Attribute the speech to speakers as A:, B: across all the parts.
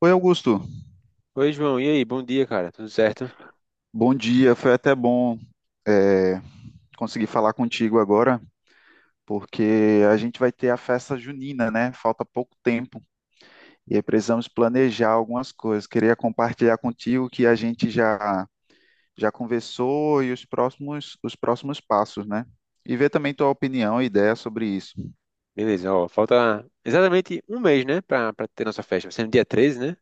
A: Oi, Augusto.
B: Oi, João. E aí? Bom dia, cara. Tudo certo?
A: Bom dia. Foi até bom é, conseguir falar contigo agora, porque a gente vai ter a festa junina, né? Falta pouco tempo e aí precisamos planejar algumas coisas. Queria compartilhar contigo que a gente já conversou e os próximos passos, né? E ver também tua opinião e ideia sobre isso.
B: Beleza, ó. Falta exatamente um mês, né? Pra ter nossa festa. Vai ser no dia 13, né?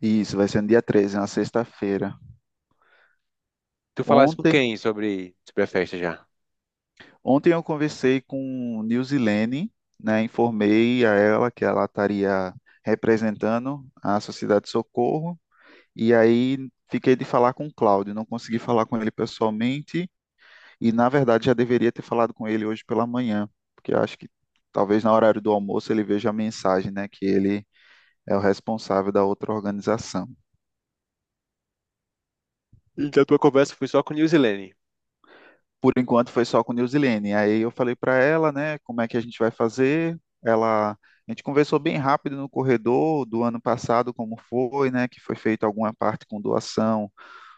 A: E isso vai ser no dia 13, na sexta-feira.
B: Tu falaste com
A: Ontem
B: quem sobre a festa já?
A: Ontem eu conversei com Nilzilene, né? Informei a ela que ela estaria representando a Sociedade de Socorro, e aí fiquei de falar com o Cláudio, não consegui falar com ele pessoalmente, e na verdade já deveria ter falado com ele hoje pela manhã, porque eu acho que talvez na horário do almoço ele veja a mensagem, né? Que ele é o responsável da outra organização.
B: Então, a tua conversa foi só com Nilzilene.
A: Por enquanto foi só com Nilzilene. Aí eu falei para ela, né, como é que a gente vai fazer. Ela, a gente conversou bem rápido no corredor do ano passado, como foi, né, que foi feita alguma parte com doação,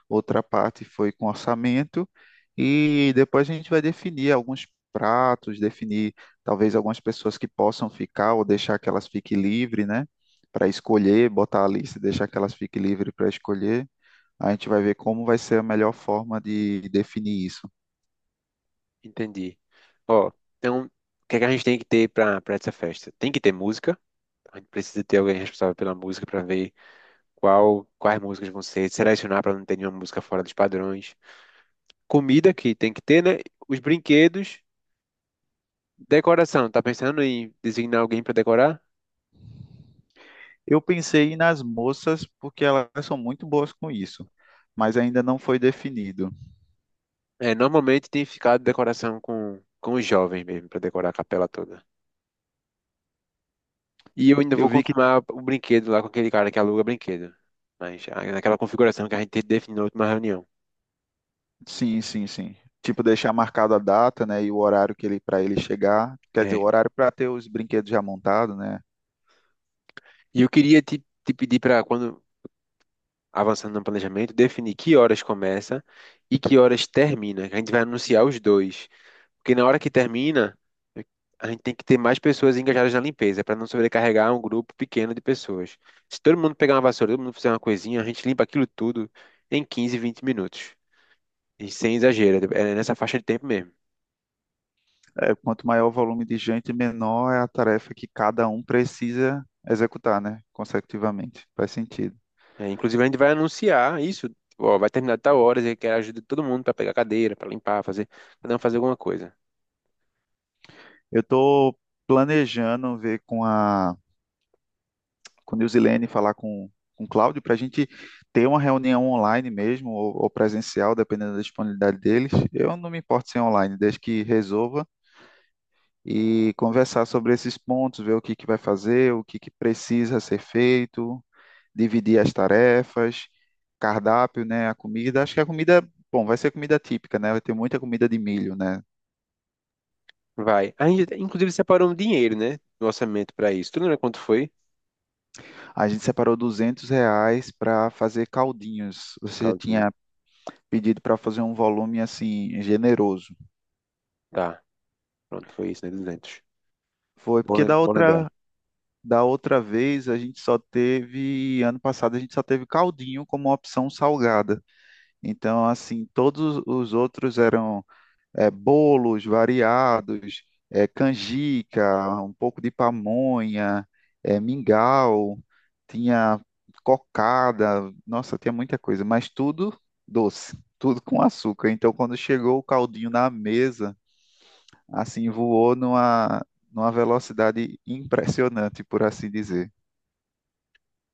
A: outra parte foi com orçamento. E depois a gente vai definir alguns pratos, definir talvez algumas pessoas que possam ficar ou deixar que elas fiquem livres, né, para escolher, botar a lista e deixar que elas fiquem livres para escolher. A gente vai ver como vai ser a melhor forma de definir isso.
B: Entendi. Ó, então, o que é que a gente tem que ter pra essa festa? Tem que ter música. A gente precisa ter alguém responsável pela música pra ver quais músicas vão ser, selecionar pra não ter nenhuma música fora dos padrões. Comida, que tem que ter, né? Os brinquedos. Decoração. Tá pensando em designar alguém pra decorar?
A: Eu pensei nas moças porque elas são muito boas com isso, mas ainda não foi definido.
B: É, normalmente tem ficado decoração com os jovens mesmo, pra decorar a capela toda. E eu ainda
A: Eu
B: vou
A: vi que
B: confirmar o brinquedo lá com aquele cara que aluga brinquedo. Mas ah, naquela configuração que a gente definiu na última reunião.
A: sim, sim, sim. Tipo, deixar marcado a data, né, e o horário que ele para ele chegar, quer dizer, o
B: É.
A: horário para ter os brinquedos já montados, né?
B: E eu queria te pedir para, quando avançando no planejamento, definir que horas começa e que horas termina. Que A gente vai anunciar os dois. Porque na hora que termina, a gente tem que ter mais pessoas engajadas na limpeza, para não sobrecarregar um grupo pequeno de pessoas. Se todo mundo pegar uma vassoura, todo mundo fizer uma coisinha, a gente limpa aquilo tudo em 15, 20 minutos. E sem exagero, é nessa faixa de tempo mesmo.
A: É, quanto maior o volume de gente, menor é a tarefa que cada um precisa executar, né, consecutivamente. Faz sentido.
B: É, inclusive, a gente vai anunciar isso. Ó, vai terminar de tal hora, eu quero a ajuda de todo mundo para pegar cadeira, para limpar, fazer, cada um fazer alguma coisa.
A: Eu estou planejando ver com a com Nilzilene, falar com o Cláudio, para a gente ter uma reunião online mesmo, ou presencial, dependendo da disponibilidade deles. Eu não me importo se é online, desde que resolva e conversar sobre esses pontos, ver o que que vai fazer, o que que precisa ser feito, dividir as tarefas, cardápio, né, a comida. Acho que a comida, bom, vai ser comida típica, né? Vai ter muita comida de milho, né?
B: Vai. A gente, inclusive, separou um dinheiro, né? Do orçamento para isso. Tu lembra quanto foi?
A: A gente separou R$ 200 para fazer caldinhos. Você
B: Caldinho.
A: tinha pedido para fazer um volume assim generoso.
B: Tá, pronto, foi isso, né? 200.
A: Foi
B: Bom,
A: porque
B: bom lembrar.
A: da outra vez a gente só teve, ano passado a gente só teve caldinho como opção salgada. Então, assim, todos os outros eram bolos variados, canjica, um pouco de pamonha, mingau, tinha cocada, nossa, tinha muita coisa, mas tudo doce, tudo com açúcar. Então, quando chegou o caldinho na mesa, assim, voou numa, numa velocidade impressionante, por assim dizer.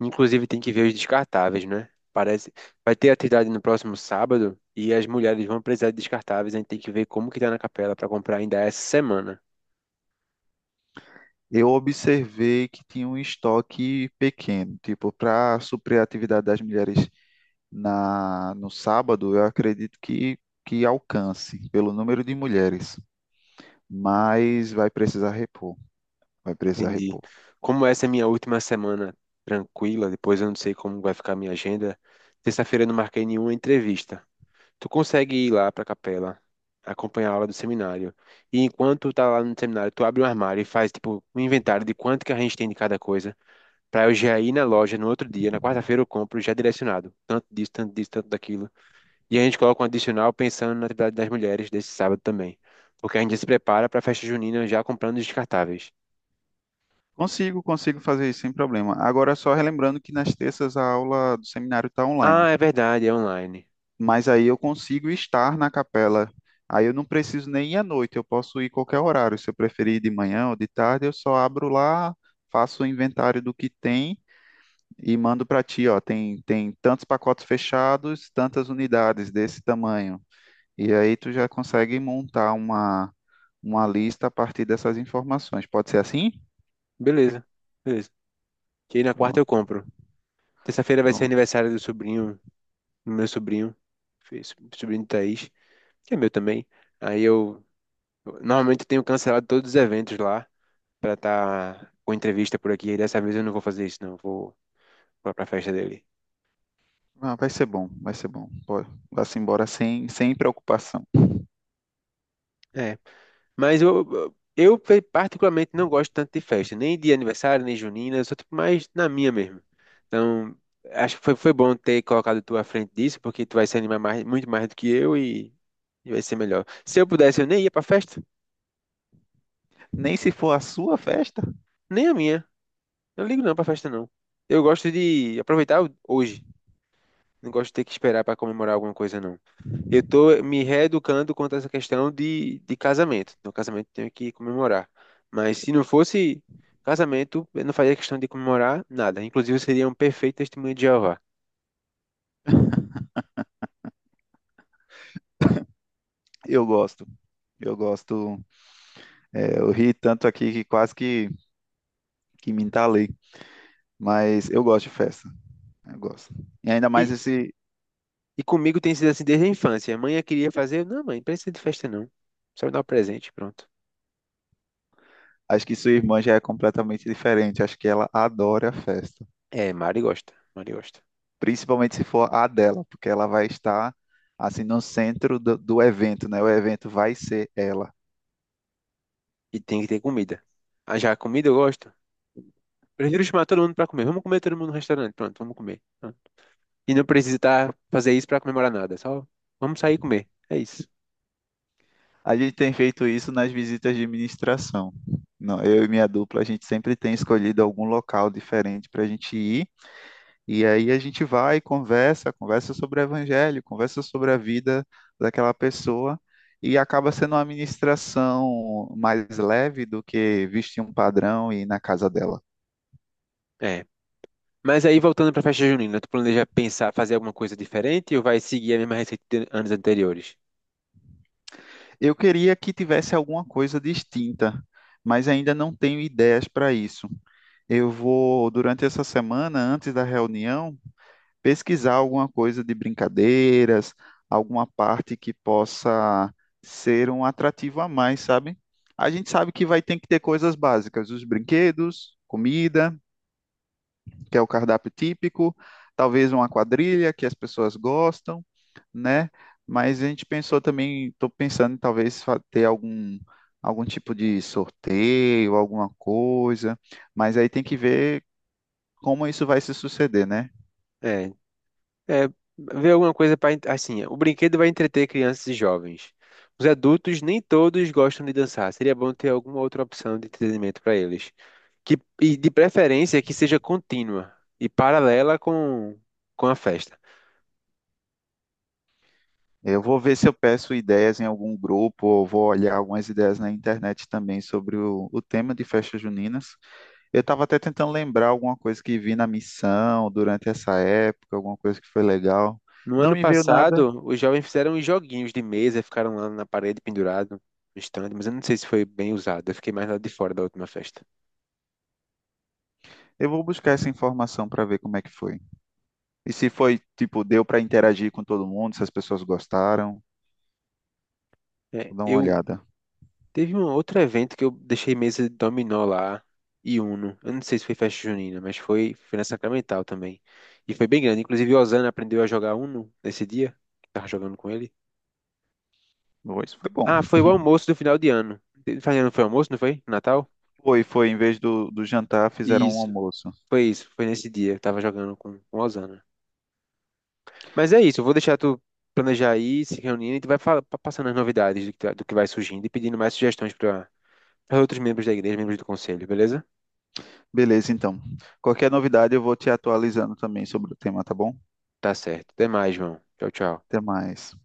B: Inclusive tem que ver os descartáveis, né? Parece. Vai ter atividade no próximo sábado e as mulheres vão precisar de descartáveis. A gente tem que ver como que tá na capela para comprar ainda essa semana.
A: Eu observei que tinha um estoque pequeno, tipo, para suprir a atividade das mulheres na, no sábado, eu acredito que alcance pelo número de mulheres, mas vai precisar repor, vai precisar
B: Entendi.
A: repor.
B: Como essa é minha última semana tranquila, depois eu não sei como vai ficar a minha agenda. Terça-feira eu não marquei nenhuma entrevista. Tu consegue ir lá para a capela, acompanhar a aula do seminário. E enquanto tá lá no seminário, tu abre um armário e faz tipo um inventário de quanto que a gente tem de cada coisa. Pra eu já ir na loja no outro dia, na quarta-feira eu compro já direcionado. Tanto disso, tanto disso, tanto daquilo. E a gente coloca um adicional pensando na atividade das mulheres desse sábado também. Porque a gente se prepara pra festa junina já comprando os descartáveis.
A: Consigo, consigo fazer isso sem problema. Agora, só relembrando que nas terças a aula do seminário está online.
B: Ah, é verdade, é online.
A: Mas aí eu consigo estar na capela. Aí eu não preciso nem ir à noite, eu posso ir qualquer horário. Se eu preferir ir de manhã ou de tarde, eu só abro lá, faço o inventário do que tem e mando para ti, ó, tem tantos pacotes fechados, tantas unidades desse tamanho. E aí tu já consegue montar uma lista a partir dessas informações. Pode ser assim? Que-
B: Beleza, beleza. Que aí na quarta eu
A: pronto,
B: compro. Terça-feira vai ser
A: pronto.
B: aniversário do sobrinho, do meu sobrinho, fi- sobrinho de Thaís, que é meu também. Aí eu normalmente eu tenho cancelado todos os eventos lá pra estar com entrevista por aqui. E dessa vez eu não vou fazer isso, não. Vou pra festa dele.
A: Ah, vai ser bom, vai ser bom. Pode, vá-se embora sem, sem preocupação.
B: É, mas particularmente não gosto tanto de festa, nem de aniversário, nem junina, eu sou tipo mais na minha mesmo. Então, acho que foi bom ter colocado tu à frente disso, porque tu vai se animar mais, muito mais do que eu e vai ser melhor. Se eu pudesse, eu nem ia pra festa,
A: Nem se for a sua festa.
B: nem a minha. Eu não ligo não pra festa, não. Eu gosto de aproveitar hoje, não gosto de ter que esperar pra comemorar alguma coisa, não. Eu tô me reeducando quanto a essa questão de casamento. No casamento tenho que comemorar. Mas se não fosse casamento, eu não faria questão de comemorar nada. Inclusive, eu seria um perfeito testemunho de Jeová.
A: Eu gosto. Eu gosto. É, eu ri tanto aqui que quase que me entalei. Mas eu gosto de festa. Eu gosto. E ainda mais
B: E,
A: esse.
B: e comigo tem sido assim desde a infância. A mãe queria fazer. Não, mãe, não precisa de festa, não. Só me dá um presente, pronto.
A: Acho que sua irmã já é completamente diferente. Acho que ela adora festa.
B: É, Mari gosta. Mari gosta.
A: Principalmente se for a dela, porque ela vai estar assim no centro do, do evento, né? O evento vai ser ela.
B: E tem que ter comida. Ah, já a comida eu gosto. Prefiro chamar todo mundo para comer. Vamos comer todo mundo no restaurante. Pronto, vamos comer. Pronto. E não precisa tá, fazer isso para comemorar nada. Só vamos sair e comer. É isso.
A: A gente tem feito isso nas visitas de administração. Não, eu e minha dupla, a gente sempre tem escolhido algum local diferente para a gente ir. E aí a gente vai, conversa, conversa sobre o evangelho, conversa sobre a vida daquela pessoa e acaba sendo uma ministração mais leve do que vestir um padrão e ir na casa dela.
B: É. Mas aí, voltando para a festa junina, tu planeja pensar, fazer alguma coisa diferente ou vai seguir a mesma receita de anos anteriores?
A: Eu queria que tivesse alguma coisa distinta, mas ainda não tenho ideias para isso. Eu vou, durante essa semana, antes da reunião, pesquisar alguma coisa de brincadeiras, alguma parte que possa ser um atrativo a mais, sabe? A gente sabe que vai ter que ter coisas básicas, os brinquedos, comida, que é o cardápio típico, talvez uma quadrilha que as pessoas gostam, né? Mas a gente pensou também, estou pensando em talvez fa- ter algum algum tipo de sorteio, alguma coisa, mas aí tem que ver como isso vai se suceder, né?
B: É, é Ver alguma coisa para... Assim, o brinquedo vai entreter crianças e jovens. Os adultos, nem todos gostam de dançar. Seria bom ter alguma outra opção de entretenimento para eles. Que, e de preferência que seja contínua e paralela com a festa.
A: Eu vou ver se eu peço ideias em algum grupo, ou vou olhar algumas ideias na internet também sobre o tema de festas juninas. Eu estava até tentando lembrar alguma coisa que vi na missão durante essa época, alguma coisa que foi legal.
B: No
A: Não
B: ano
A: me veio nada.
B: passado, os jovens fizeram uns joguinhos de mesa, ficaram lá na parede pendurado no stand, mas eu não sei se foi bem usado. Eu fiquei mais lá de fora da última festa.
A: Eu vou buscar essa informação para ver como é que foi. E se foi, tipo, deu para interagir com todo mundo, se as pessoas gostaram.
B: É,
A: Vou dar uma
B: eu
A: olhada.
B: Teve um outro evento que eu deixei mesa de dominó lá e Uno. Eu não sei se foi festa junina, mas foi na Sacramental também. E foi bem grande. Inclusive, o Osana aprendeu a jogar Uno nesse dia. Que Tava jogando com ele.
A: Bom, isso foi bom.
B: Ah, foi o almoço do final de ano. Final de ano foi almoço, não foi? Natal?
A: Foi, foi. Em vez do, do jantar, fizeram um
B: Isso,
A: almoço.
B: isso. Foi nesse dia. Eu tava jogando com o Osana. Mas é isso, eu vou deixar tu planejar aí, se reunindo, e tu vai passando as novidades do do que vai surgindo e pedindo mais sugestões para outros membros da igreja, membros do conselho, beleza?
A: Beleza, então. Qualquer novidade, eu vou te atualizando também sobre o tema, tá bom?
B: Tá certo. Até mais, João. Tchau, tchau.
A: Até mais.